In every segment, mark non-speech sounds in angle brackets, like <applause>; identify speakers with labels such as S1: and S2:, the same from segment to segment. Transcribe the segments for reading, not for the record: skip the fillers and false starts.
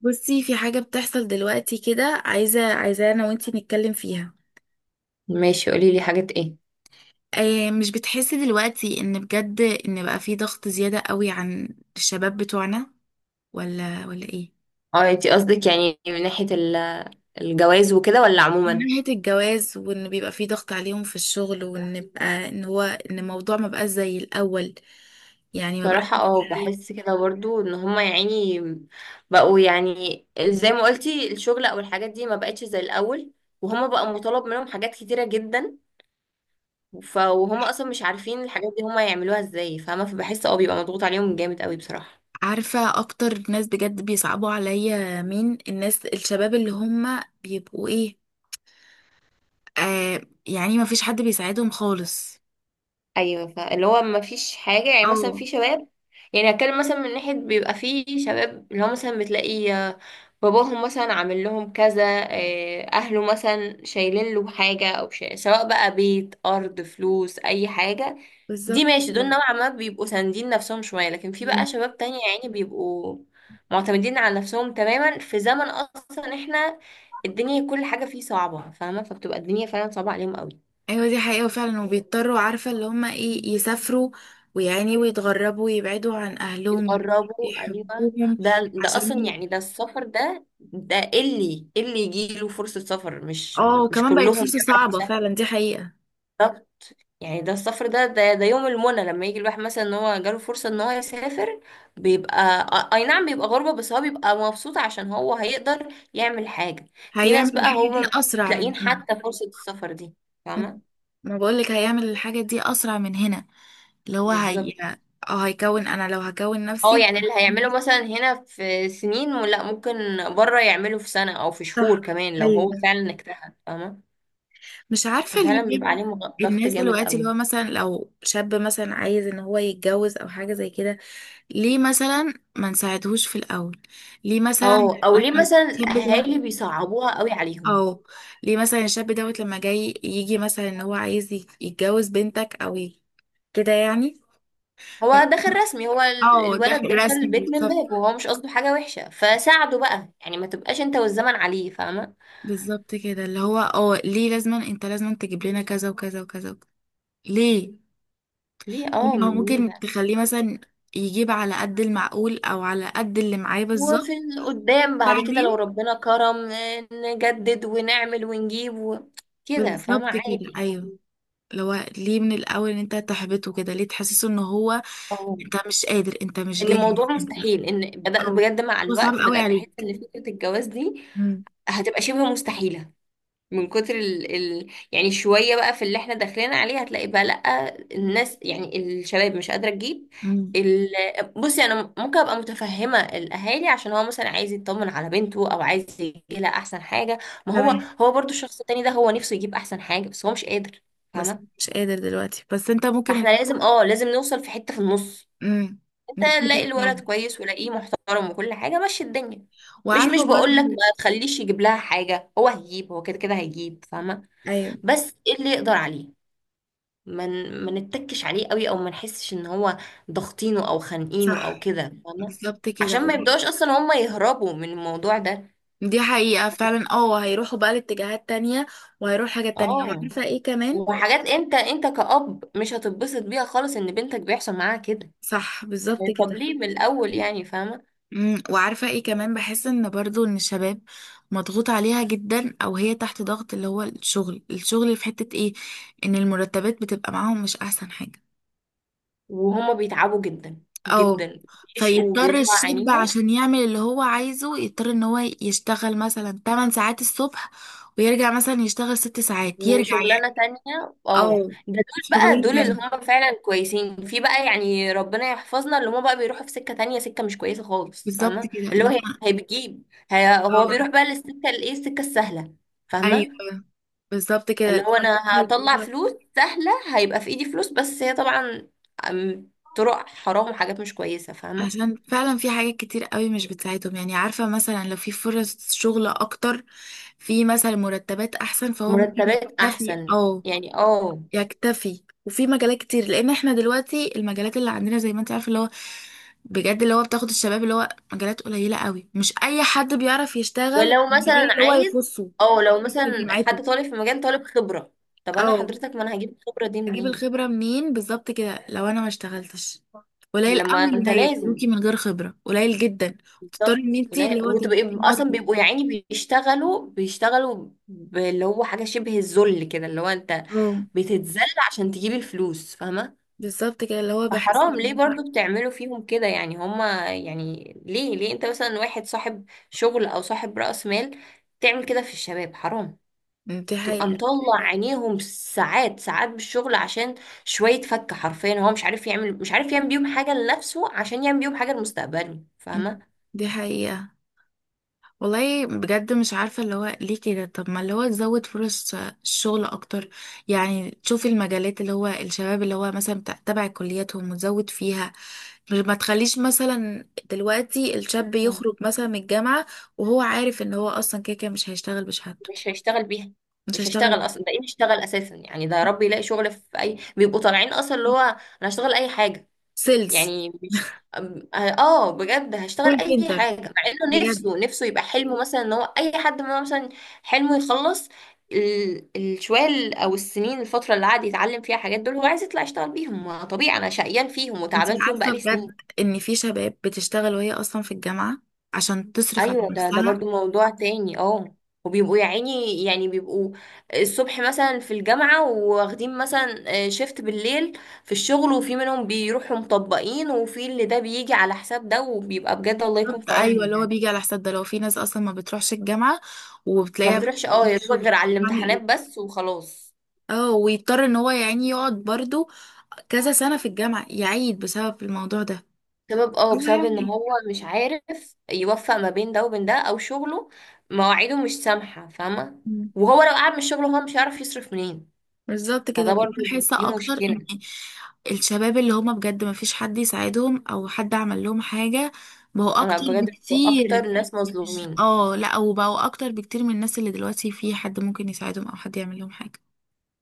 S1: بصي، في حاجة بتحصل دلوقتي كده. عايزة أنا وأنتي نتكلم فيها.
S2: ماشي، قولي لي حاجات ايه؟
S1: آه مش بتحسي دلوقتي إن بجد إن بقى في ضغط زيادة قوي عن الشباب بتوعنا، ولا إيه؟
S2: اه، انتي قصدك يعني من ناحية الجواز وكده ولا
S1: من
S2: عموما؟
S1: ناحية الجواز، وإن بيبقى في ضغط عليهم في الشغل، وإن بقى إن الموضوع ما بقاش زي الأول، يعني ما بقاش.
S2: بصراحة بحس كده برضو ان هما، يعني بقوا يعني زي ما قلتي، الشغل او الحاجات دي ما بقتش زي الاول. وهما بقى مطالب منهم حاجات كتيرة جدا. وهما اصلا مش عارفين الحاجات دي هما يعملوها ازاي، فاهمة؟ فبحس بيبقى مضغوط عليهم جامد قوي، بصراحة.
S1: عارفة أكتر ناس بجد بيصعبوا عليا مين؟ الناس الشباب اللي هم بيبقوا إيه، آه. يعني ما فيش حد بيساعدهم خالص.
S2: ايوه، فاللي هو ما فيش حاجه، يعني مثلا
S1: اه،
S2: في شباب. يعني هتكلم مثلا من ناحيه، بيبقى في شباب اللي هو مثلا بتلاقي باباهم مثلا عامل لهم كذا. اهله مثلا شايلين له حاجه او شيء، سواء بقى بيت، ارض، فلوس، اي حاجه. دي
S1: بالظبط
S2: ماشي، دول
S1: كده.
S2: نوعا ما بيبقوا ساندين نفسهم شويه، لكن في
S1: مم.
S2: بقى شباب تانية يعني بيبقوا معتمدين على نفسهم تماما في زمن اصلا احنا الدنيا كل حاجه فيه صعبه، فاهمه؟ فبتبقى الدنيا فعلا صعبه عليهم قوي.
S1: ايوه، دي حقيقة فعلا. وبيضطروا، عارفة اللي هما ايه، يسافروا ويعني ويتغربوا ويبعدوا عن اهلهم
S2: بتقربه، ايوه.
S1: يحبوهم.
S2: ده
S1: عشان
S2: اصلا
S1: ي-
S2: يعني ده السفر ده اللي يجيله فرصة سفر، مش
S1: اه،
S2: مش
S1: وكمان بقت
S2: كلهم
S1: فرصة
S2: بيعرفوا
S1: صعبة
S2: يسافروا.
S1: فعلا، دي حقيقة.
S2: طب يعني ده السفر ده، ده يوم المنى لما يجي الواحد مثلا ان هو جاله فرصة ان هو يسافر. بيبقى اي نعم، بيبقى غربة بس هو بيبقى مبسوط عشان هو هيقدر يعمل حاجة. في
S1: هيعمل
S2: ناس بقى
S1: الحاجة
S2: هم
S1: دي
S2: مش
S1: اسرع من
S2: لاقيين
S1: هنا.
S2: حتى فرصة السفر دي،
S1: مم.
S2: فاهمة؟
S1: ما بقولك هيعمل الحاجة دي اسرع من هنا. اللي هو هي،
S2: بالظبط،
S1: اه هيكون، انا لو هكون
S2: اه.
S1: نفسي.
S2: يعني اللي هيعمله مثلا هنا في سنين، ولا ممكن بره يعمله في سنة او في شهور
S1: صح.
S2: كمان لو
S1: ايوه.
S2: هو فعلا اجتهد، فاهمة؟
S1: مش عارفة ليه
S2: ففعلا بيبقى
S1: بين
S2: عليه ضغط
S1: الناس
S2: جامد
S1: دلوقتي، اللي
S2: قوي.
S1: هو مثلا لو شاب مثلا عايز ان هو يتجوز او حاجة زي كده، ليه مثلا ما نساعدهوش في الاول؟ ليه مثلا
S2: او ليه
S1: لما
S2: مثلا
S1: الشاب ده،
S2: الاهالي بيصعبوها قوي عليهم؟
S1: او ليه مثلا الشاب دوت لما جاي يجي مثلا ان هو عايز يتجوز بنتك او كده يعني؟ ف-
S2: هو دخل رسمي، هو
S1: اه، داخل
S2: الولد دخل
S1: رسمي
S2: البيت من
S1: بالظبط.
S2: باب وهو مش قصده حاجة وحشة، فساعده بقى يعني، ما تبقاش انت والزمن عليه، فاهمة؟
S1: بالظبط كده، اللي هو ليه لازما انت لازما تجيب لنا كذا وكذا وكذا وكذا؟ ليه؟
S2: ليه اه
S1: يعني هو
S2: ليه
S1: ممكن
S2: بقى؟
S1: تخليه مثلا يجيب على قد المعقول او على قد اللي معاه بالظبط،
S2: وفي قدام بعد كده لو
S1: بعدين.
S2: ربنا كرم نجدد ونعمل ونجيب كده، فاهمة؟
S1: بالظبط كده،
S2: عادي.
S1: ايوه. لو ليه من الاول ان انت تحبطه كده؟ ليه تحسسه ان هو
S2: اه،
S1: انت مش قادر، انت مش
S2: ان الموضوع
S1: جاهز، انت،
S2: مستحيل، ان بدأت
S1: او
S2: بجد مع
S1: هو صعب
S2: الوقت
S1: قوي
S2: بدأت احس
S1: عليك؟
S2: ان فكرة الجواز دي
S1: امم
S2: هتبقى شبه مستحيلة. من كتر يعني شوية بقى في اللي احنا داخلين عليه، هتلاقي بقى لأ، الناس يعني الشباب مش قادرة تجيب
S1: امم
S2: ال... بصي، انا ممكن ابقى متفهمة الاهالي عشان هو مثلا عايز يطمن على بنته، او عايز يجيب لها احسن حاجة. ما هو
S1: تمام.
S2: هو برضو الشخص التاني ده هو نفسه يجيب احسن حاجة، بس هو مش قادر،
S1: بس
S2: فاهمة؟
S1: مش قادر دلوقتي، بس انت ممكن.
S2: فاحنا لازم نوصل في حتة في النص.
S1: امم
S2: انت
S1: نتفق
S2: لاقي الولد
S1: فعلا.
S2: كويس ولاقيه محترم، وكل حاجه مشي الدنيا. مش
S1: وعارفه
S2: بقول لك ما
S1: برضه،
S2: تخليش يجيب لها حاجه، هو هيجيب، هو كده كده هيجيب، فاهمه؟
S1: ايوه
S2: بس ايه اللي يقدر عليه. ما نتكش عليه قوي، او ما نحسش ان هو ضاغطينه او خانقينه
S1: صح،
S2: او كده، فاهمه؟
S1: بالظبط كده.
S2: عشان ما يبداوش اصلا هم يهربوا من الموضوع ده.
S1: دي حقيقة فعلا. اه هيروحوا بقى لاتجاهات تانية، وهيروح حاجات تانية.
S2: اه،
S1: وعارفة ايه كمان؟
S2: وحاجات انت كأب مش هتتبسط بيها خالص ان بنتك بيحصل معاها كده.
S1: صح، بالظبط
S2: طب
S1: كده.
S2: ليه من الاول يعني، فاهمه؟
S1: وعارفة ايه كمان، بحس ان برضو ان الشباب مضغوط عليها جدا، او هي تحت ضغط. اللي هو الشغل في حتة ايه؟ ان المرتبات بتبقى معاهم مش احسن حاجة.
S2: وهما بيتعبوا جدا
S1: او
S2: جدا. بيشقوا
S1: فيضطر
S2: وبيطلع
S1: الشاب
S2: عينيهم،
S1: عشان يعمل اللي هو عايزه، يضطر ان هو يشتغل مثلا 8 ساعات الصبح، ويرجع مثلا يشتغل 6 ساعات، يرجع
S2: وشغلانة
S1: يعني،
S2: تانية. اه،
S1: او
S2: ده دول بقى
S1: شغلين
S2: دول اللي
S1: تاني.
S2: هم فعلا كويسين. في بقى يعني ربنا يحفظنا اللي هم بقى بيروحوا في سكة تانية، سكة مش كويسة خالص،
S1: بالظبط
S2: فاهمة؟
S1: كده.
S2: اللي هو
S1: لو
S2: هي هي بتجيب هي هو
S1: اه،
S2: بيروح بقى للسكة الايه، السكة السهلة، فاهمة؟
S1: ايوه بالظبط كده.
S2: اللي
S1: اللي
S2: هو
S1: هو
S2: انا
S1: الفكرة اللي
S2: هطلع
S1: هو
S2: فلوس سهلة، هيبقى في ايدي فلوس، بس هي طبعا طرق حرام وحاجات مش كويسة، فاهمة؟
S1: عشان فعلا في حاجات كتير قوي مش بتساعدهم. يعني عارفة مثلا لو في فرص شغل اكتر، في مثلا مرتبات احسن، فهو ممكن
S2: مرتبات
S1: يكتفي.
S2: احسن
S1: او
S2: يعني، اه.
S1: يكتفي وفي مجالات كتير. لان احنا دلوقتي المجالات اللي عندنا، زي ما انت عارفة، اللي هو بجد اللي هو بتاخد الشباب، اللي هو مجالات قليلة قوي. مش اي حد بيعرف يشتغل
S2: ولو
S1: في المجال
S2: مثلا
S1: اللي هو
S2: عايز،
S1: يخصه
S2: او لو
S1: يخص
S2: مثلا
S1: جامعته.
S2: حد طالب في مجال طالب خبرة. طب انا
S1: اه،
S2: حضرتك، ما انا هجيب الخبرة دي
S1: اجيب
S2: منين؟
S1: الخبرة منين؟ بالظبط كده، لو انا ما اشتغلتش. قليل
S2: لما
S1: قوي
S2: انت
S1: اللي
S2: لازم.
S1: هيقبلوكي من غير خبرة، قليل جدا. تضطري ان
S2: بالظبط
S1: انتي
S2: قليل،
S1: اللي هو
S2: وتبقى اصلا
S1: تتمطي،
S2: بيبقوا يا عيني بيشتغلوا اللي هو حاجة شبه الذل كده، اللي هو انت
S1: اه.
S2: بتتذل عشان تجيب الفلوس، فاهمة؟
S1: بالظبط كده، اللي هو بحس
S2: فحرام، ليه
S1: ان
S2: برضو بتعملوا فيهم كده يعني هما؟ يعني ليه انت مثلا واحد صاحب شغل او صاحب رأس مال تعمل كده في الشباب؟ حرام.
S1: دي
S2: تبقى
S1: حقيقة.
S2: مطلع عينيهم ساعات ساعات بالشغل، عشان شوية فك. حرفيا هو مش عارف يعمل بيهم حاجة لنفسه عشان يعمل بيهم حاجة لمستقبله،
S1: أمم،
S2: فاهمة؟
S1: دي حقيقة. والله بجد مش عارفة اللي هو ليه كده. طب ما اللي هو تزود فرص الشغل أكتر، يعني تشوف المجالات اللي هو الشباب اللي هو مثلا تبع كلياتهم، وتزود فيها. ما تخليش مثلا دلوقتي الشاب
S2: مم.
S1: يخرج مثلا من الجامعة، وهو عارف ان هو أصلا كده كده مش هيشتغل بشهادته.
S2: مش هيشتغل بيها.
S1: مش
S2: مش
S1: هيشتغل.
S2: هيشتغل اصلا، ده ايه يشتغل اساسا؟ يعني ده يا رب يلاقي شغل في اي. بيبقوا طالعين اصلا اللي هو انا هشتغل اي حاجة.
S1: سيلز،
S2: يعني مش بجد هشتغل
S1: كول
S2: اي
S1: سنتر،
S2: حاجه، مع انه
S1: بجد.
S2: نفسه يبقى حلمه مثلا. ان هو اي حد ما مثلا حلمه يخلص الشوية او السنين، الفتره اللي قعد يتعلم فيها حاجات، دول هو عايز يطلع يشتغل بيهم. ما طبيعي انا شقيان فيهم
S1: انت
S2: وتعبان فيهم
S1: عارفة
S2: بقالي
S1: بجد
S2: سنين.
S1: ان في شباب بتشتغل وهي أصلا في الجامعة عشان تصرف على
S2: ايوه، ده
S1: نفسها.
S2: برضو موضوع تاني، اه. وبيبقوا يا عيني، يعني بيبقوا الصبح مثلا في الجامعة، واخدين مثلا شيفت بالليل في الشغل. وفي منهم بيروحوا مطبقين، وفي اللي ده بيجي على حساب ده، وبيبقى بجد الله يكون
S1: بالظبط،
S2: في
S1: ايوه.
S2: عونهم
S1: اللي هو
S2: يعني.
S1: بيجي على حساب ده. لو في ناس اصلا ما بتروحش الجامعه،
S2: ما
S1: وبتلاقيها
S2: بتروحش يا
S1: بتدي
S2: دوبك
S1: شغل،
S2: غير على
S1: هعمل
S2: الامتحانات
S1: ايه؟
S2: بس وخلاص.
S1: اه، ويضطر ان هو يعني يقعد برضو كذا سنه في الجامعه، يعيد بسبب الموضوع ده.
S2: سبب اه
S1: هو
S2: بسبب
S1: هيعمل
S2: ان
S1: ايه؟
S2: هو مش عارف يوفق ما بين ده وبين ده، او شغله مواعيده مش سامحة، فاهمة؟
S1: مم.
S2: وهو لو قعد من الشغل، هو مش هيعرف يصرف منين.
S1: بالظبط كده.
S2: فده
S1: بقيت
S2: برضو،
S1: بحس
S2: دي
S1: اكتر ان
S2: مشكلة.
S1: الشباب اللي هما بجد ما فيش حد يساعدهم او حد عمل لهم حاجه، بقوا
S2: انا
S1: اكتر
S2: بجد بيبقوا اكتر
S1: بكتير.
S2: ناس مظلومين.
S1: اه لا، وبقوا اكتر بكتير من الناس اللي دلوقتي في حد ممكن يساعدهم او حد يعمل لهم حاجه.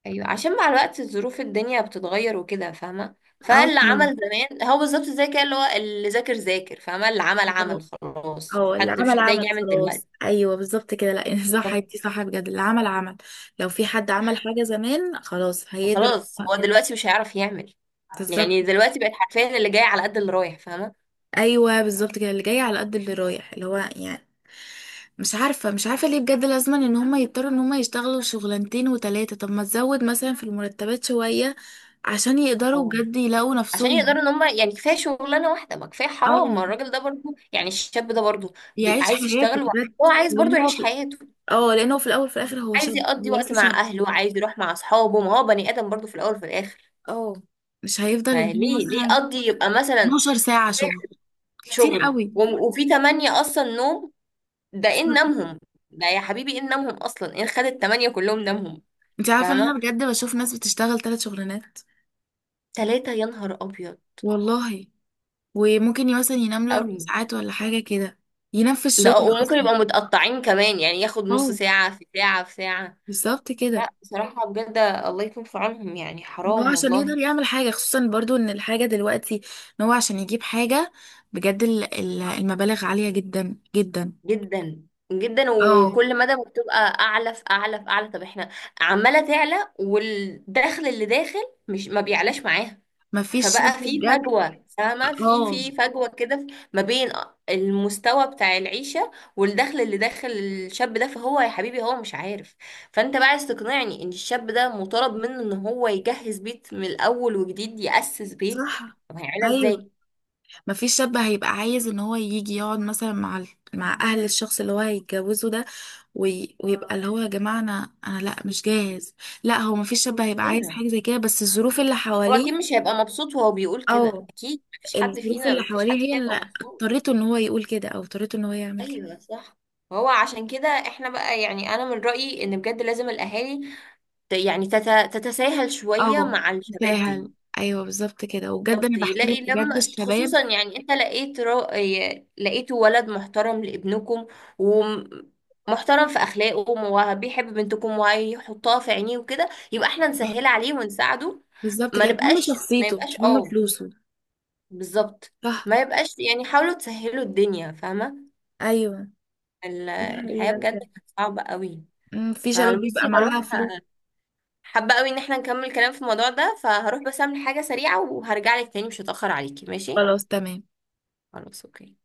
S2: ايوه، عشان مع الوقت الظروف الدنيا بتتغير وكده، فاهمه؟
S1: اه،
S2: فاللي عمل زمان هو بالظبط زي كده، اللي هو اللي ذاكر ذاكر فاهمه، اللي عمل
S1: طبعاً.
S2: عمل خلاص،
S1: هو اللي
S2: مش
S1: عمل
S2: حد هيجي
S1: عمل
S2: يعمل دلوقتي.
S1: خلاص، ايوه بالظبط كده. لا <laughs> صح، انتي صح بجد. اللي عمل عمل. لو في حد عمل حاجه زمان، خلاص هيقدر.
S2: فخلاص هو دلوقتي مش هيعرف يعمل.
S1: بالظبط.
S2: يعني دلوقتي بقت حرفيا اللي جاي على قد اللي رايح، فاهمه؟
S1: ايوه، بالظبط كده، اللي جاي على قد اللي رايح. اللي هو يعني، مش عارفه ليه بجد لازم ان هم يضطروا ان هم يشتغلوا شغلانتين وتلاته؟ طب ما تزود مثلا في المرتبات شويه عشان يقدروا
S2: اه،
S1: بجد يلاقوا
S2: عشان
S1: نفسهم.
S2: يقدروا ان هم يعني كفايه شغلانه واحده، ما كفايه حرام، ما
S1: اه،
S2: الراجل ده برضو، يعني الشاب ده برضو
S1: يعيش
S2: عايز
S1: حياته
S2: يشتغل،
S1: بجد.
S2: وهو عايز برضو
S1: لان هو
S2: يعيش
S1: في
S2: حياته.
S1: اه لانه في الاول في الاخر
S2: عايز يقضي
S1: هو
S2: وقت
S1: لسه
S2: مع
S1: شاب.
S2: اهله، عايز يروح مع اصحابه، ما هو بني ادم برضو في الاول وفي الاخر.
S1: اه، مش هيفضل ان هو
S2: فليه
S1: مثلا
S2: يقضي، يبقى مثلا
S1: 12 ساعة شغل.
S2: واحد
S1: كتير
S2: شغل
S1: قوي.
S2: وفي تمانية اصلا نوم. ده
S1: بس
S2: ان نامهم. ده يا حبيبي ان نامهم اصلا، ان خد التمانية كلهم نامهم.
S1: انت عارفة ان
S2: فاهمة؟
S1: انا بجد بشوف ناس بتشتغل 3 شغلانات؟
S2: تلاتة، يا نهار ابيض.
S1: والله. وممكن مثلا ينام له اربع
S2: قوي.
S1: ساعات ولا حاجة كده. ينام في
S2: ده
S1: الشغل
S2: وممكن
S1: اصلا.
S2: يبقى متقطعين كمان، يعني ياخد نص
S1: اه،
S2: ساعة في ساعة في ساعة.
S1: بالظبط كده.
S2: لا بصراحة، بجد الله يكون في عونهم، يعني
S1: هو
S2: حرام
S1: عشان
S2: والله.
S1: يقدر يعمل حاجة، خصوصا برضو ان الحاجة دلوقتي، ان هو عشان يجيب حاجة بجد، المبالغ عالية جدا جدا.
S2: جدا جدا.
S1: اه.
S2: وكل مدى بتبقى اعلى في اعلى في اعلى. طب احنا عماله تعلى، والدخل اللي داخل مش ما بيعلاش معاها.
S1: مفيش شاب
S2: فبقى في
S1: بجد.
S2: فجوه، فاهمه؟ في
S1: اه
S2: في فجوه كده، ما بين المستوى بتاع العيشه والدخل اللي داخل الشاب ده. فهو يا حبيبي هو مش عارف. فانت بقى عايز تقنعني ان الشاب ده مطالب منه ان هو يجهز بيت من الاول وجديد، ياسس بيت؟
S1: صح.
S2: طب هيعملها
S1: ايوه،
S2: ازاي؟
S1: مفيش شاب هيبقى عايز ان هو يجي يقعد مثلا مع مع اهل الشخص اللي هو هيتجوزه ده، ويبقى اللي هو، يا جماعه انا انا لا مش جاهز. لا، هو مفيش شاب هيبقى عايز
S2: ايوه،
S1: حاجه زي كده، بس الظروف اللي
S2: هو اكيد
S1: حواليه.
S2: مش هيبقى مبسوط وهو بيقول كده.
S1: اه
S2: اكيد مفيش حد
S1: الظروف
S2: فينا
S1: اللي
S2: مفيش
S1: حواليه
S2: حد
S1: هي
S2: فينا يبقى
S1: اللي
S2: مبسوط.
S1: اضطرته ان هو يقول كده، او اضطرته ان هو يعمل كده.
S2: ايوه، صح. هو عشان كده احنا بقى، يعني انا من رأيي ان بجد لازم الاهالي تتساهل شوية
S1: اه،
S2: مع الشباب دي.
S1: سهل. ايوه بالظبط كده. وبجد
S2: بالظبط،
S1: انا بحترم
S2: يلاقي
S1: بجد
S2: لما
S1: الشباب.
S2: خصوصا يعني انت لقيت را... ي- لقيتوا ولد محترم لابنكم، ومحترم في اخلاقه وبيحب بنتكم وهيحطها في عينيه وكده، يبقى احنا نسهل عليه ونساعده.
S1: بالظبط كده، هم
S2: ما
S1: شخصيته
S2: يبقاش،
S1: مش هم
S2: اه
S1: فلوسه.
S2: بالظبط.
S1: صح.
S2: ما يبقاش يعني، حاولوا تسهلوا الدنيا، فاهمة؟
S1: ايوه، دي
S2: الحياة
S1: حقيقة
S2: بجد كانت
S1: بجد.
S2: صعبة قوي.
S1: في شباب بيبقى
S2: فبصي، هروح.
S1: معاها فلوس.
S2: حابة قوي ان احنا نكمل كلام في الموضوع ده، فهروح بس اعمل حاجة سريعة، وهرجع لك تاني، مش هتأخر عليكي، ماشي؟
S1: خلاص، تمام.
S2: خلاص، اوكي.